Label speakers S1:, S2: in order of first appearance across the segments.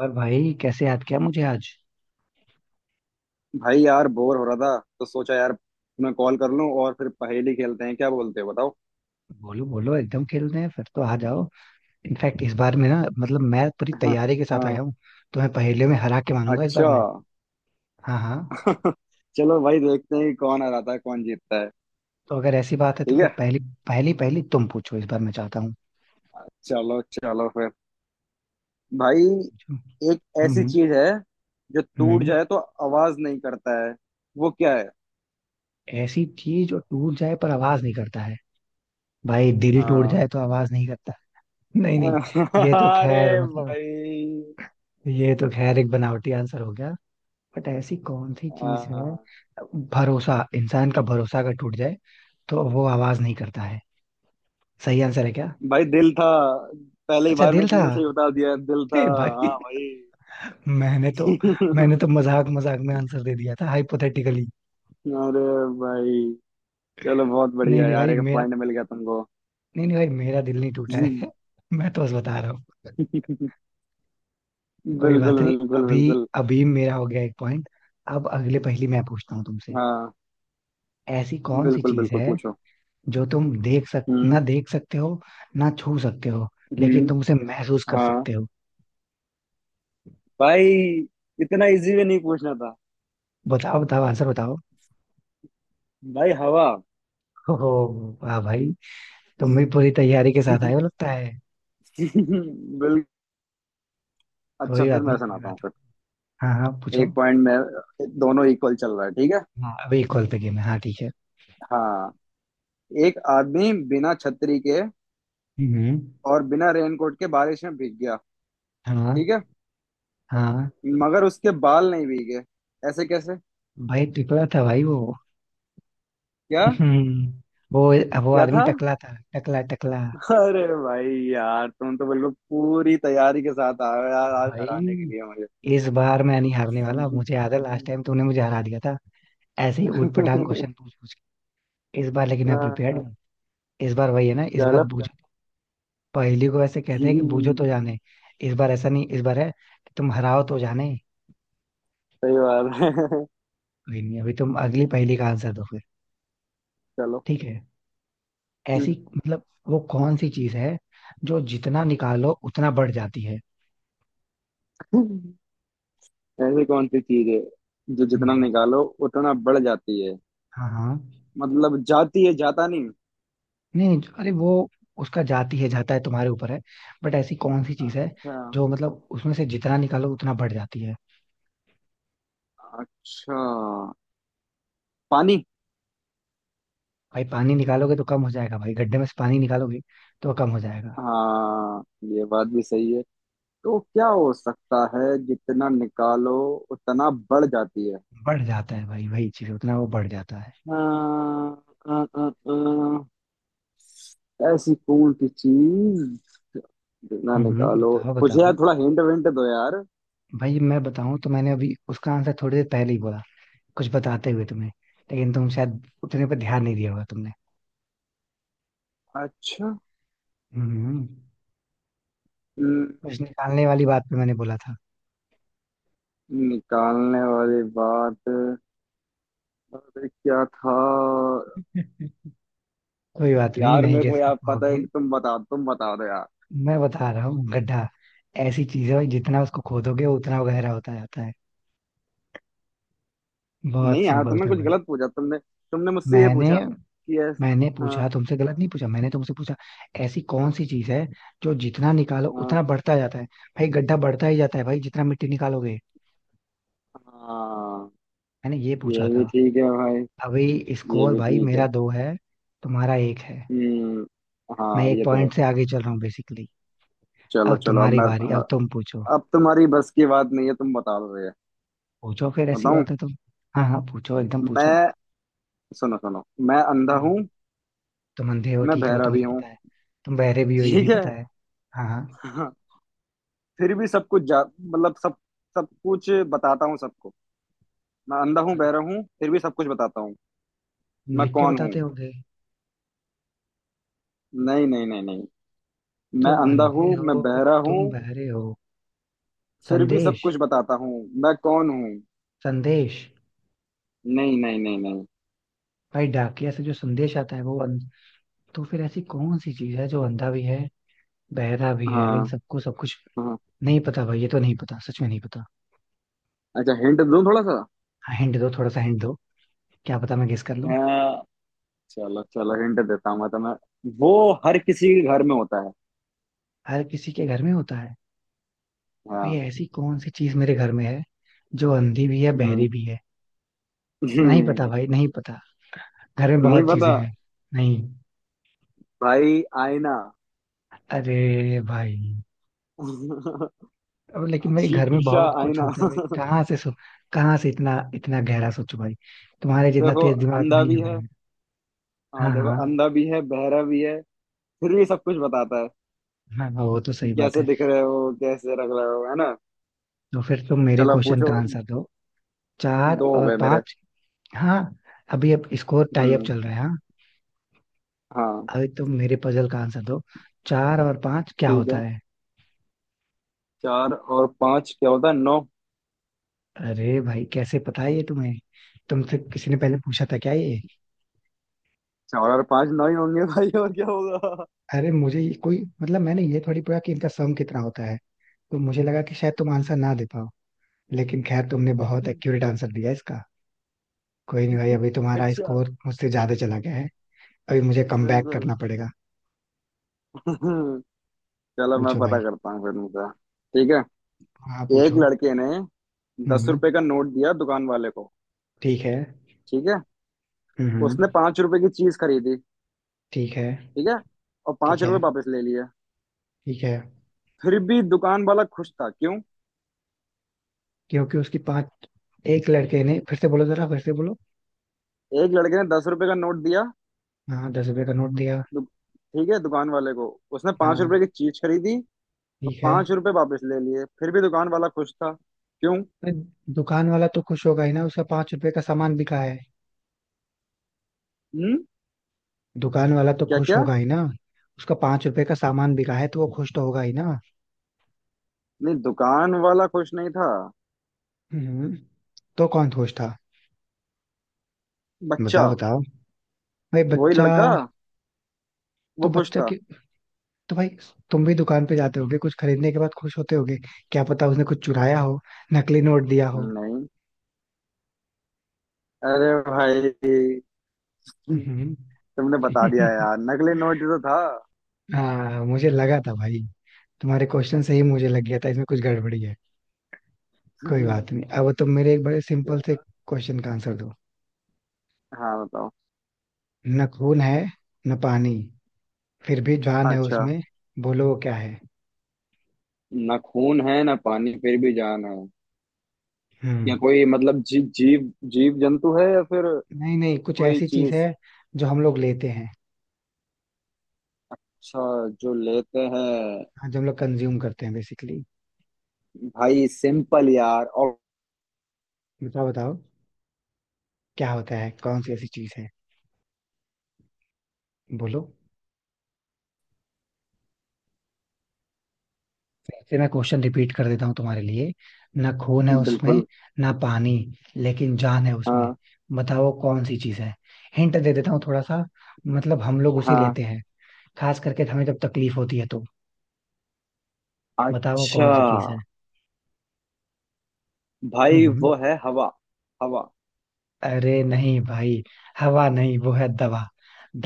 S1: और भाई, कैसे याद किया मुझे आज?
S2: भाई यार बोर हो रहा था तो सोचा यार तुम्हें कॉल कर लूं और फिर पहेली खेलते हैं। क्या बोलते हो बताओ।
S1: बोलो बोलो, एकदम खेलते हैं, फिर तो आ जाओ। इनफैक्ट इस बार मैं ना, मतलब, मैं पूरी
S2: हाँ।
S1: तैयारी के साथ
S2: हाँ।
S1: आया हूँ। तो मैं पहेलियों में हरा के मानूंगा इस बार
S2: अच्छा।
S1: मैं। हाँ हाँ।
S2: चलो भाई देखते हैं कि कौन हराता है कौन जीतता है।
S1: तो अगर ऐसी बात है तो
S2: ठीक है।
S1: फिर पहली पहली पहली तुम पूछो, इस बार मैं चाहता हूँ।
S2: चलो चलो फिर। भाई
S1: पूछो।
S2: एक ऐसी
S1: हम्म
S2: चीज है जो
S1: हम्म
S2: टूट
S1: हम्म।
S2: जाए तो आवाज नहीं करता है। वो क्या है?
S1: ऐसी चीज जो टूट जाए पर आवाज नहीं करता है। भाई, दिल टूट
S2: हाँ।
S1: जाए तो आवाज नहीं करता। नहीं नहीं। ये तो
S2: अरे
S1: खैर, मतलब,
S2: भाई।
S1: ये तो खैर एक बनावटी आंसर हो गया। बट ऐसी कौन सी चीज है?
S2: हाँ।
S1: भरोसा, इंसान का भरोसा अगर टूट जाए, तो वो आवाज नहीं करता है। सही आंसर है क्या?
S2: भाई दिल था। पहले ही
S1: अच्छा,
S2: बार में
S1: दिल था।
S2: तुमने सही बता दिया, दिल था।
S1: ए भाई।
S2: हाँ।
S1: मैंने तो मैंने
S2: भाई।
S1: तो मजाक मजाक में आंसर दे दिया था, हाइपोथेटिकली।
S2: अरे भाई। चलो बहुत
S1: नहीं
S2: बढ़िया
S1: नहीं
S2: यार,
S1: भाई
S2: एक
S1: मेरा
S2: पॉइंट मिल गया तुमको।
S1: नहीं नहीं भाई मेरा दिल नहीं टूटा है। मैं तो बस बता रहा हूँ। कोई
S2: बिल्कुल
S1: बात नहीं।
S2: बिल्कुल
S1: अभी
S2: बिल्कुल।
S1: अभी मेरा हो गया एक पॉइंट। अब अगले पहेली मैं पूछता हूँ तुमसे।
S2: हाँ।
S1: ऐसी कौन सी
S2: बिल्कुल
S1: चीज
S2: बिल्कुल पूछो।
S1: है जो तुम देख सक
S2: हम्म।
S1: ना देख सकते हो, ना छू सकते हो, लेकिन
S2: हम्म।
S1: तुम उसे महसूस कर
S2: हाँ।
S1: सकते हो?
S2: भाई इतना इजी में नहीं पूछना था।
S1: बताओ बताओ, आंसर बताओ।
S2: भाई हवा।
S1: हो। वाह भाई! तुम भी पूरी तैयारी के साथ आए
S2: बिल।
S1: हो, लगता है।
S2: अच्छा
S1: कोई
S2: फिर
S1: बात
S2: मैं
S1: नहीं, कोई
S2: सुनाता
S1: बात
S2: हूँ
S1: नहीं।
S2: फिर।
S1: हाँ हाँ, पूछो।
S2: 1 पॉइंट में दोनों इक्वल चल रहा है, ठीक है।
S1: हाँ, अभी कॉल पे गेम है, हाँ ठीक है।
S2: हाँ। एक आदमी बिना छतरी के
S1: हम्म।
S2: और बिना रेनकोट के बारिश में भीग गया।
S1: हाँ
S2: ठीक है।
S1: हाँ।
S2: मगर उसके बाल नहीं भीगे। ऐसे कैसे?
S1: भाई टकला था भाई वो।
S2: क्या?
S1: हम्म। वो वो
S2: क्या
S1: आदमी
S2: था?
S1: टकला था, टकला टकला।
S2: अरे भाई यार, तुम तो बिल्कुल पूरी तैयारी के साथ आए हो यार, आज
S1: भाई,
S2: हराने के लिए मुझे।
S1: इस बार मैं नहीं हारने वाला, मुझे याद है लास्ट टाइम तूने मुझे हरा दिया था, ऐसे ही ऊट पटांग क्वेश्चन पूछ पूछ के। इस बार लेकिन मैं प्रिपेयर्ड
S2: हाँ।
S1: हूँ। इस बार वही है ना, इस बार
S2: चलो।
S1: बूझो। पहेली को ऐसे कहते हैं कि बूझो
S2: हम्म।
S1: तो जाने। इस बार ऐसा नहीं, इस बार है कि तुम हराओ तो जाने।
S2: सही बात है।
S1: कोई नहीं, अभी तुम अगली पहेली का आंसर दो फिर।
S2: चलो।
S1: ठीक है। ऐसी
S2: हम्म।
S1: मतलब, वो कौन सी चीज है जो जितना निकालो उतना बढ़ जाती है?
S2: ऐसी कौन सी चीज है जो जितना
S1: हम्म।
S2: निकालो उतना बढ़ जाती है?
S1: हाँ हाँ।
S2: मतलब जाती है, जाता नहीं।
S1: नहीं नहीं, अरे वो, उसका जाती है, जाता है तुम्हारे ऊपर है। बट ऐसी कौन सी चीज है
S2: अच्छा।
S1: जो, मतलब, उसमें से जितना निकालो उतना बढ़ जाती है?
S2: अच्छा। पानी।
S1: भाई पानी निकालोगे तो कम हो जाएगा भाई, गड्ढे में से पानी निकालोगे तो कम हो जाएगा।
S2: हाँ ये बात भी सही है। तो क्या हो सकता है जितना निकालो उतना बढ़ जाती है?
S1: बढ़ जाता है भाई, वही चीज उतना वो बढ़ जाता है।
S2: अ, अ, अ, अ, ऐसी कौन सी चीज ना निकालो।
S1: बताओ
S2: कुछ यार
S1: बताओ।
S2: थोड़ा हिंट विंट दो यार।
S1: भाई मैं बताऊं तो मैंने अभी उसका आंसर थोड़ी देर पहले ही बोला, कुछ बताते हुए तुम्हें। लेकिन तुम शायद उतने पर ध्यान नहीं दिया होगा तुमने।
S2: अच्छा।
S1: हम्म।
S2: हम्म।
S1: कुछ निकालने वाली बात पे मैंने बोला था।
S2: निकालने वाली बात। अरे क्या था?
S1: कोई बात नहीं,
S2: यार
S1: नहीं
S2: मेरे को
S1: गेस कर
S2: यार पता है,
S1: पाओगे।
S2: तुम बता दो यार।
S1: मैं बता रहा हूँ, गड्ढा। ऐसी चीज है भाई जितना उसको खोदोगे उतना गहरा होता जाता है। बहुत
S2: नहीं यार,
S1: सिंपल
S2: तुमने
S1: था
S2: कुछ
S1: भाई।
S2: गलत पूछा। तुमने तुमने मुझसे ये
S1: मैंने
S2: पूछा कि यस।
S1: मैंने
S2: हाँ।
S1: पूछा तुमसे, गलत नहीं पूछा, मैंने तुमसे पूछा, ऐसी कौन सी चीज है जो जितना निकालो
S2: हाँ।
S1: उतना बढ़ता जाता है? भाई गड्ढा बढ़ता ही जाता है भाई, जितना मिट्टी निकालोगे।
S2: हाँ
S1: मैंने ये पूछा
S2: ये भी
S1: था।
S2: ठीक है भाई।
S1: अभी
S2: ये
S1: स्कोर
S2: भी
S1: भाई
S2: ठीक है।
S1: मेरा दो है, तुम्हारा एक है।
S2: हम्म।
S1: मैं
S2: हाँ
S1: एक
S2: ये तो है।
S1: पॉइंट से आगे चल रहा हूँ, बेसिकली।
S2: चलो
S1: अब
S2: चलो अब
S1: तुम्हारी
S2: मैं।
S1: बारी, अब
S2: मैं-
S1: तुम पूछो।
S2: अब तुम्हारी बस की बात नहीं है, तुम बता दो ये।
S1: पूछो फिर, ऐसी
S2: बताऊं
S1: बात है तुम। हाँ हाँ, पूछो, एकदम पूछो।
S2: मैं? सुनो सुनो। मैं अंधा हूँ।
S1: हम्म। तुम अंधे हो,
S2: मैं
S1: ठीक है, वो
S2: बहरा
S1: तो
S2: भी
S1: मुझे
S2: हूँ।
S1: पता है। तुम बहरे भी हो, ये
S2: ठीक
S1: भी
S2: है।
S1: पता है। हाँ हाँ।
S2: हाँ। फिर भी सब कुछ जा मतलब सब सब कुछ बताता हूँ सबको। मैं अंधा हूँ, बहरा हूँ, फिर भी सब कुछ बताता हूँ।
S1: तुम
S2: मैं
S1: लिख के
S2: कौन हूँ?
S1: बताते होगे।
S2: नहीं नहीं नहीं नहीं। मैं
S1: तुम
S2: अंधा हूँ,
S1: अंधे
S2: मैं
S1: हो,
S2: बहरा हूँ,
S1: तुम बहरे हो।
S2: फिर भी सब
S1: संदेश।
S2: कुछ बताता हूँ। मैं कौन हूँ?
S1: संदेश।
S2: नहीं नहीं नहीं नहीं।
S1: भाई डाकिया से जो संदेश आता है वो अंध... तो फिर ऐसी कौन सी चीज है जो अंधा भी है, बहरा भी है, लेकिन
S2: हाँ।
S1: सबको सब कुछ?
S2: हाँ।
S1: नहीं पता भाई, ये तो नहीं पता, सच में नहीं पता।
S2: अच्छा हिंट दूं थोड़ा
S1: हिंट दो, थोड़ा सा हिंट दो। क्या पता मैं गेस कर लूं।
S2: सा? चलो चलो हिंट देता हूँ मैं तुम्हें। वो हर किसी के घर में होता है।
S1: हर किसी के घर में होता है?
S2: हाँ।
S1: भैया, ऐसी कौन सी चीज मेरे घर में है जो अंधी भी है,
S2: हम्म।
S1: बहरी भी है? नहीं पता
S2: हम्म।
S1: भाई, नहीं पता। घर में
S2: नहीं
S1: बहुत चीजें
S2: पता।
S1: हैं। नहीं।
S2: भाई आईना।
S1: अरे भाई! अब लेकिन भाई घर में
S2: शीशा,
S1: बहुत कुछ
S2: आईना।
S1: होता है भाई, कहाँ से सो, कहाँ से इतना इतना गहरा सोचो भाई। तुम्हारे जितना
S2: देखो
S1: तेज दिमाग
S2: अंधा
S1: नहीं है
S2: भी
S1: भाई
S2: है।
S1: मेरा। हाँ
S2: हाँ देखो,
S1: हाँ।
S2: अंधा भी है बहरा भी है, फिर भी सब कुछ बताता है
S1: हाँ हाँ, वो तो
S2: कि
S1: सही बात
S2: कैसे
S1: है।
S2: दिख रहे हो, कैसे रख रहे हो, है ना।
S1: तो फिर तुम मेरे
S2: चलो
S1: क्वेश्चन
S2: पूछो।
S1: का आंसर दो। चार
S2: दो हो
S1: और
S2: गए मेरे।
S1: पांच। हाँ, अभी अब स्कोर टाई अप
S2: हम्म।
S1: चल रहा है, हाँ।
S2: हाँ।
S1: अभी तुम मेरे पजल का आंसर दो। चार और पांच क्या
S2: ठीक
S1: होता
S2: है।
S1: है?
S2: 4 और 5 क्या होता है? 9।
S1: अरे भाई, कैसे पता है ये तुम्हें? तुमसे किसी ने पहले पूछा था क्या ये?
S2: 4 और 5, 9 ही होंगे भाई, और क्या होगा।
S1: अरे मुझे ये कोई, मतलब, मैंने ये थोड़ी पढ़ा कि इनका सम कितना होता है। तो मुझे लगा कि शायद तुम आंसर ना दे पाओ, लेकिन खैर तुमने बहुत एक्यूरेट आंसर दिया इसका। कोई नहीं भाई, अभी तुम्हारा
S2: अच्छा।
S1: स्कोर मुझसे ज्यादा चला गया है। अभी मुझे कम बैक
S2: बिल्कुल।
S1: करना पड़ेगा।
S2: हम्म। चलो मैं
S1: पूछो
S2: पता
S1: भाई।
S2: करता हूँ फिर मुझे। ठीक है।
S1: हाँ
S2: एक
S1: पूछो।
S2: लड़के ने दस
S1: हम्म।
S2: रुपए का नोट दिया दुकान वाले को।
S1: ठीक है।
S2: ठीक है।
S1: हम्म।
S2: उसने 5 रुपए की चीज खरीदी।
S1: ठीक है।
S2: ठीक है। और
S1: ठीक
S2: पांच
S1: है।
S2: रुपए वापस ले लिए,
S1: ठीक है।
S2: फिर भी दुकान वाला खुश था। क्यों?
S1: क्योंकि उसकी पांच... एक लड़के ने, फिर से बोलो जरा, फिर से बोलो।
S2: एक लड़के ने दस रुपए का नोट दिया।
S1: हाँ, 10 रुपए का नोट दिया।
S2: ठीक है दुकान वाले को। उसने पांच
S1: हाँ।
S2: रुपए की चीज खरीदी और
S1: ठीक है।
S2: पांच रुपए वापस ले लिए, फिर भी दुकान वाला खुश था। क्यों?
S1: अरे, दुकान वाला तो खुश होगा ही ना, उसका 5 रुपए का सामान बिका है।
S2: हम्म।
S1: दुकान वाला तो
S2: क्या
S1: खुश
S2: क्या
S1: होगा ही ना, उसका पांच रुपए का सामान बिका है तो वो खुश तो होगा ही ना।
S2: नहीं, दुकान वाला खुश नहीं था।
S1: हम्म। तो कौन खुश था?
S2: बच्चा,
S1: बताओ बताओ। भाई
S2: वही
S1: बच्चा।
S2: लड़का, वो
S1: तो
S2: खुश
S1: बच्चा
S2: था।
S1: के, तो भाई, तुम भी दुकान पे जाते होगे, कुछ खरीदने के बाद खुश होते होगे। क्या पता उसने कुछ चुराया हो, नकली नोट दिया हो।
S2: नहीं। अरे भाई
S1: हम्म।
S2: तुमने बता दिया यार, नकली नोट ही तो था।
S1: हाँ, मुझे लगा था भाई, तुम्हारे क्वेश्चन से ही मुझे लग गया था इसमें कुछ गड़बड़ी है। कोई बात नहीं, अब तुम मेरे एक बड़े सिंपल से क्वेश्चन का आंसर दो।
S2: हाँ बताओ।
S1: न खून है, न पानी, फिर भी जान है
S2: अच्छा।
S1: उसमें। बोलो, वो क्या है?
S2: ना खून है ना पानी फिर भी जान है।
S1: हम्म।
S2: या कोई, मतलब जी, जीव जीव जंतु है या फिर
S1: नहीं नहीं, कुछ
S2: कोई
S1: ऐसी चीज
S2: चीज?
S1: है जो हम लोग लेते हैं।
S2: अच्छा, जो लेते हैं।
S1: हाँ, जो हम लोग कंज्यूम करते हैं, बेसिकली।
S2: भाई सिंपल यार, और?
S1: बताओ बताओ, क्या होता है, कौन सी ऐसी चीज है? बोलो। फिर से मैं क्वेश्चन रिपीट कर देता हूँ तुम्हारे लिए। ना खून है उसमें,
S2: बिल्कुल।
S1: ना पानी, लेकिन जान है उसमें।
S2: हाँ।
S1: बताओ वो कौन सी चीज है? हिंट दे देता हूँ थोड़ा सा। मतलब हम लोग उसे
S2: हाँ।
S1: लेते हैं, खास करके हमें जब तकलीफ होती है तो। बताओ वो
S2: अच्छा।
S1: कौन सी चीज है? हम्म
S2: भाई
S1: हम्म।
S2: वो है हवा। हवा।
S1: अरे नहीं भाई, हवा नहीं, वो है दवा।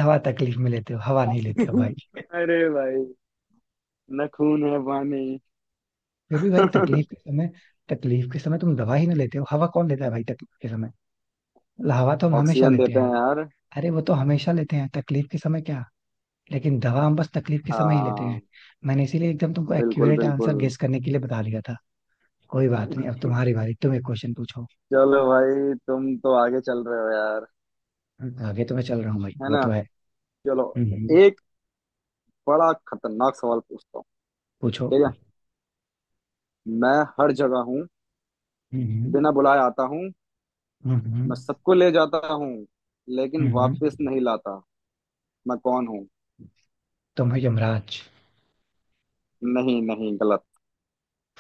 S1: दवा तकलीफ में लेते हो, हवा नहीं लेते हो भाई।
S2: अरे भाई, ना खून है पानी।
S1: फिर भी भाई तकलीफ के समय, तकलीफ के समय तुम दवा ही ना लेते हो? हवा कौन लेता है भाई तकलीफ के समय? मतलब हवा तो हम हमेशा
S2: ऑक्सीजन
S1: लेते
S2: देते
S1: हैं।
S2: हैं यार।
S1: अरे वो तो हमेशा लेते हैं, तकलीफ के समय क्या? लेकिन दवा हम बस तकलीफ के समय ही लेते हैं।
S2: हाँ।
S1: मैंने इसीलिए एकदम तुमको
S2: बिल्कुल
S1: एक्यूरेट
S2: बिल्कुल।
S1: आंसर गेस करने के लिए बता दिया था। कोई बात नहीं, अब तुम्हारी बारी, तुम एक क्वेश्चन पूछो।
S2: चलो भाई तुम तो आगे चल रहे हो यार।
S1: आगे तो मैं चल रहा हूँ भाई,
S2: है
S1: वो
S2: ना।
S1: तो है।
S2: चलो।
S1: हम्म।
S2: एक बड़ा खतरनाक सवाल पूछता हूँ।
S1: पूछो।
S2: ठीक है। मैं हर जगह हूँ।
S1: हम्म
S2: बिना बुलाए आता हूँ।
S1: हम्म हम्म
S2: मैं सबको ले जाता हूँ लेकिन
S1: हम्म।
S2: वापस नहीं लाता। मैं कौन हूँ?
S1: तुम्हें? यमराज।
S2: नहीं नहीं, गलत।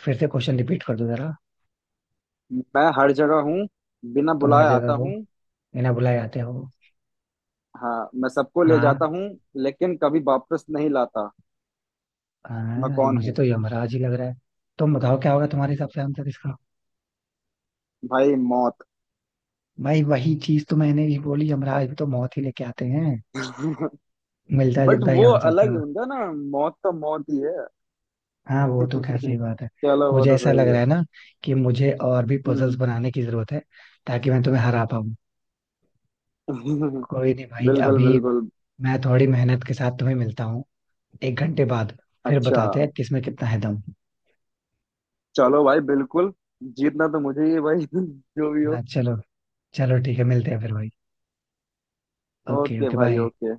S1: फिर से क्वेश्चन रिपीट कर दो जरा।
S2: मैं हर जगह हूँ, बिना
S1: तुम हर
S2: बुलाए
S1: जगह
S2: आता
S1: हो,
S2: हूँ।
S1: बिना बुलाए आते हो।
S2: हाँ मैं सबको ले
S1: हाँ।
S2: जाता हूँ लेकिन कभी वापस नहीं लाता। मैं
S1: हाँ,
S2: कौन
S1: मुझे
S2: हूँ?
S1: तो यमराज ही लग रहा है। तुम बताओ क्या होगा तुम्हारे हिसाब से आंसर इसका?
S2: भाई मौत।
S1: भाई वही चीज तो मैंने भी बोली, यमराज भी तो मौत ही लेके आते हैं। मिलता
S2: बट
S1: जुलता ही
S2: वो
S1: आंसर
S2: अलग
S1: था।
S2: है उनका ना, मौत तो मौत ही है।
S1: हाँ, वो तो खैर सही बात है।
S2: चलो वो
S1: मुझे
S2: तो
S1: ऐसा लग
S2: सही
S1: रहा
S2: है।
S1: है ना कि मुझे और भी पजल्स
S2: हम्म।
S1: बनाने की जरूरत है, ताकि मैं तुम्हें हरा पाऊँ। कोई नहीं भाई,
S2: बिल्कुल
S1: अभी
S2: बिल्कुल।
S1: मैं थोड़ी मेहनत के साथ तुम्हें मिलता हूँ, 1 घंटे बाद। फिर
S2: अच्छा।
S1: बताते हैं किसमें कितना है दम।
S2: चलो भाई बिल्कुल। जीतना तो मुझे ही है भाई। जो भी हो।
S1: हाँ चलो। चलो ठीक है, मिलते हैं फिर भाई। ओके
S2: ओके
S1: ओके,
S2: भाई,
S1: बाय।
S2: ओके।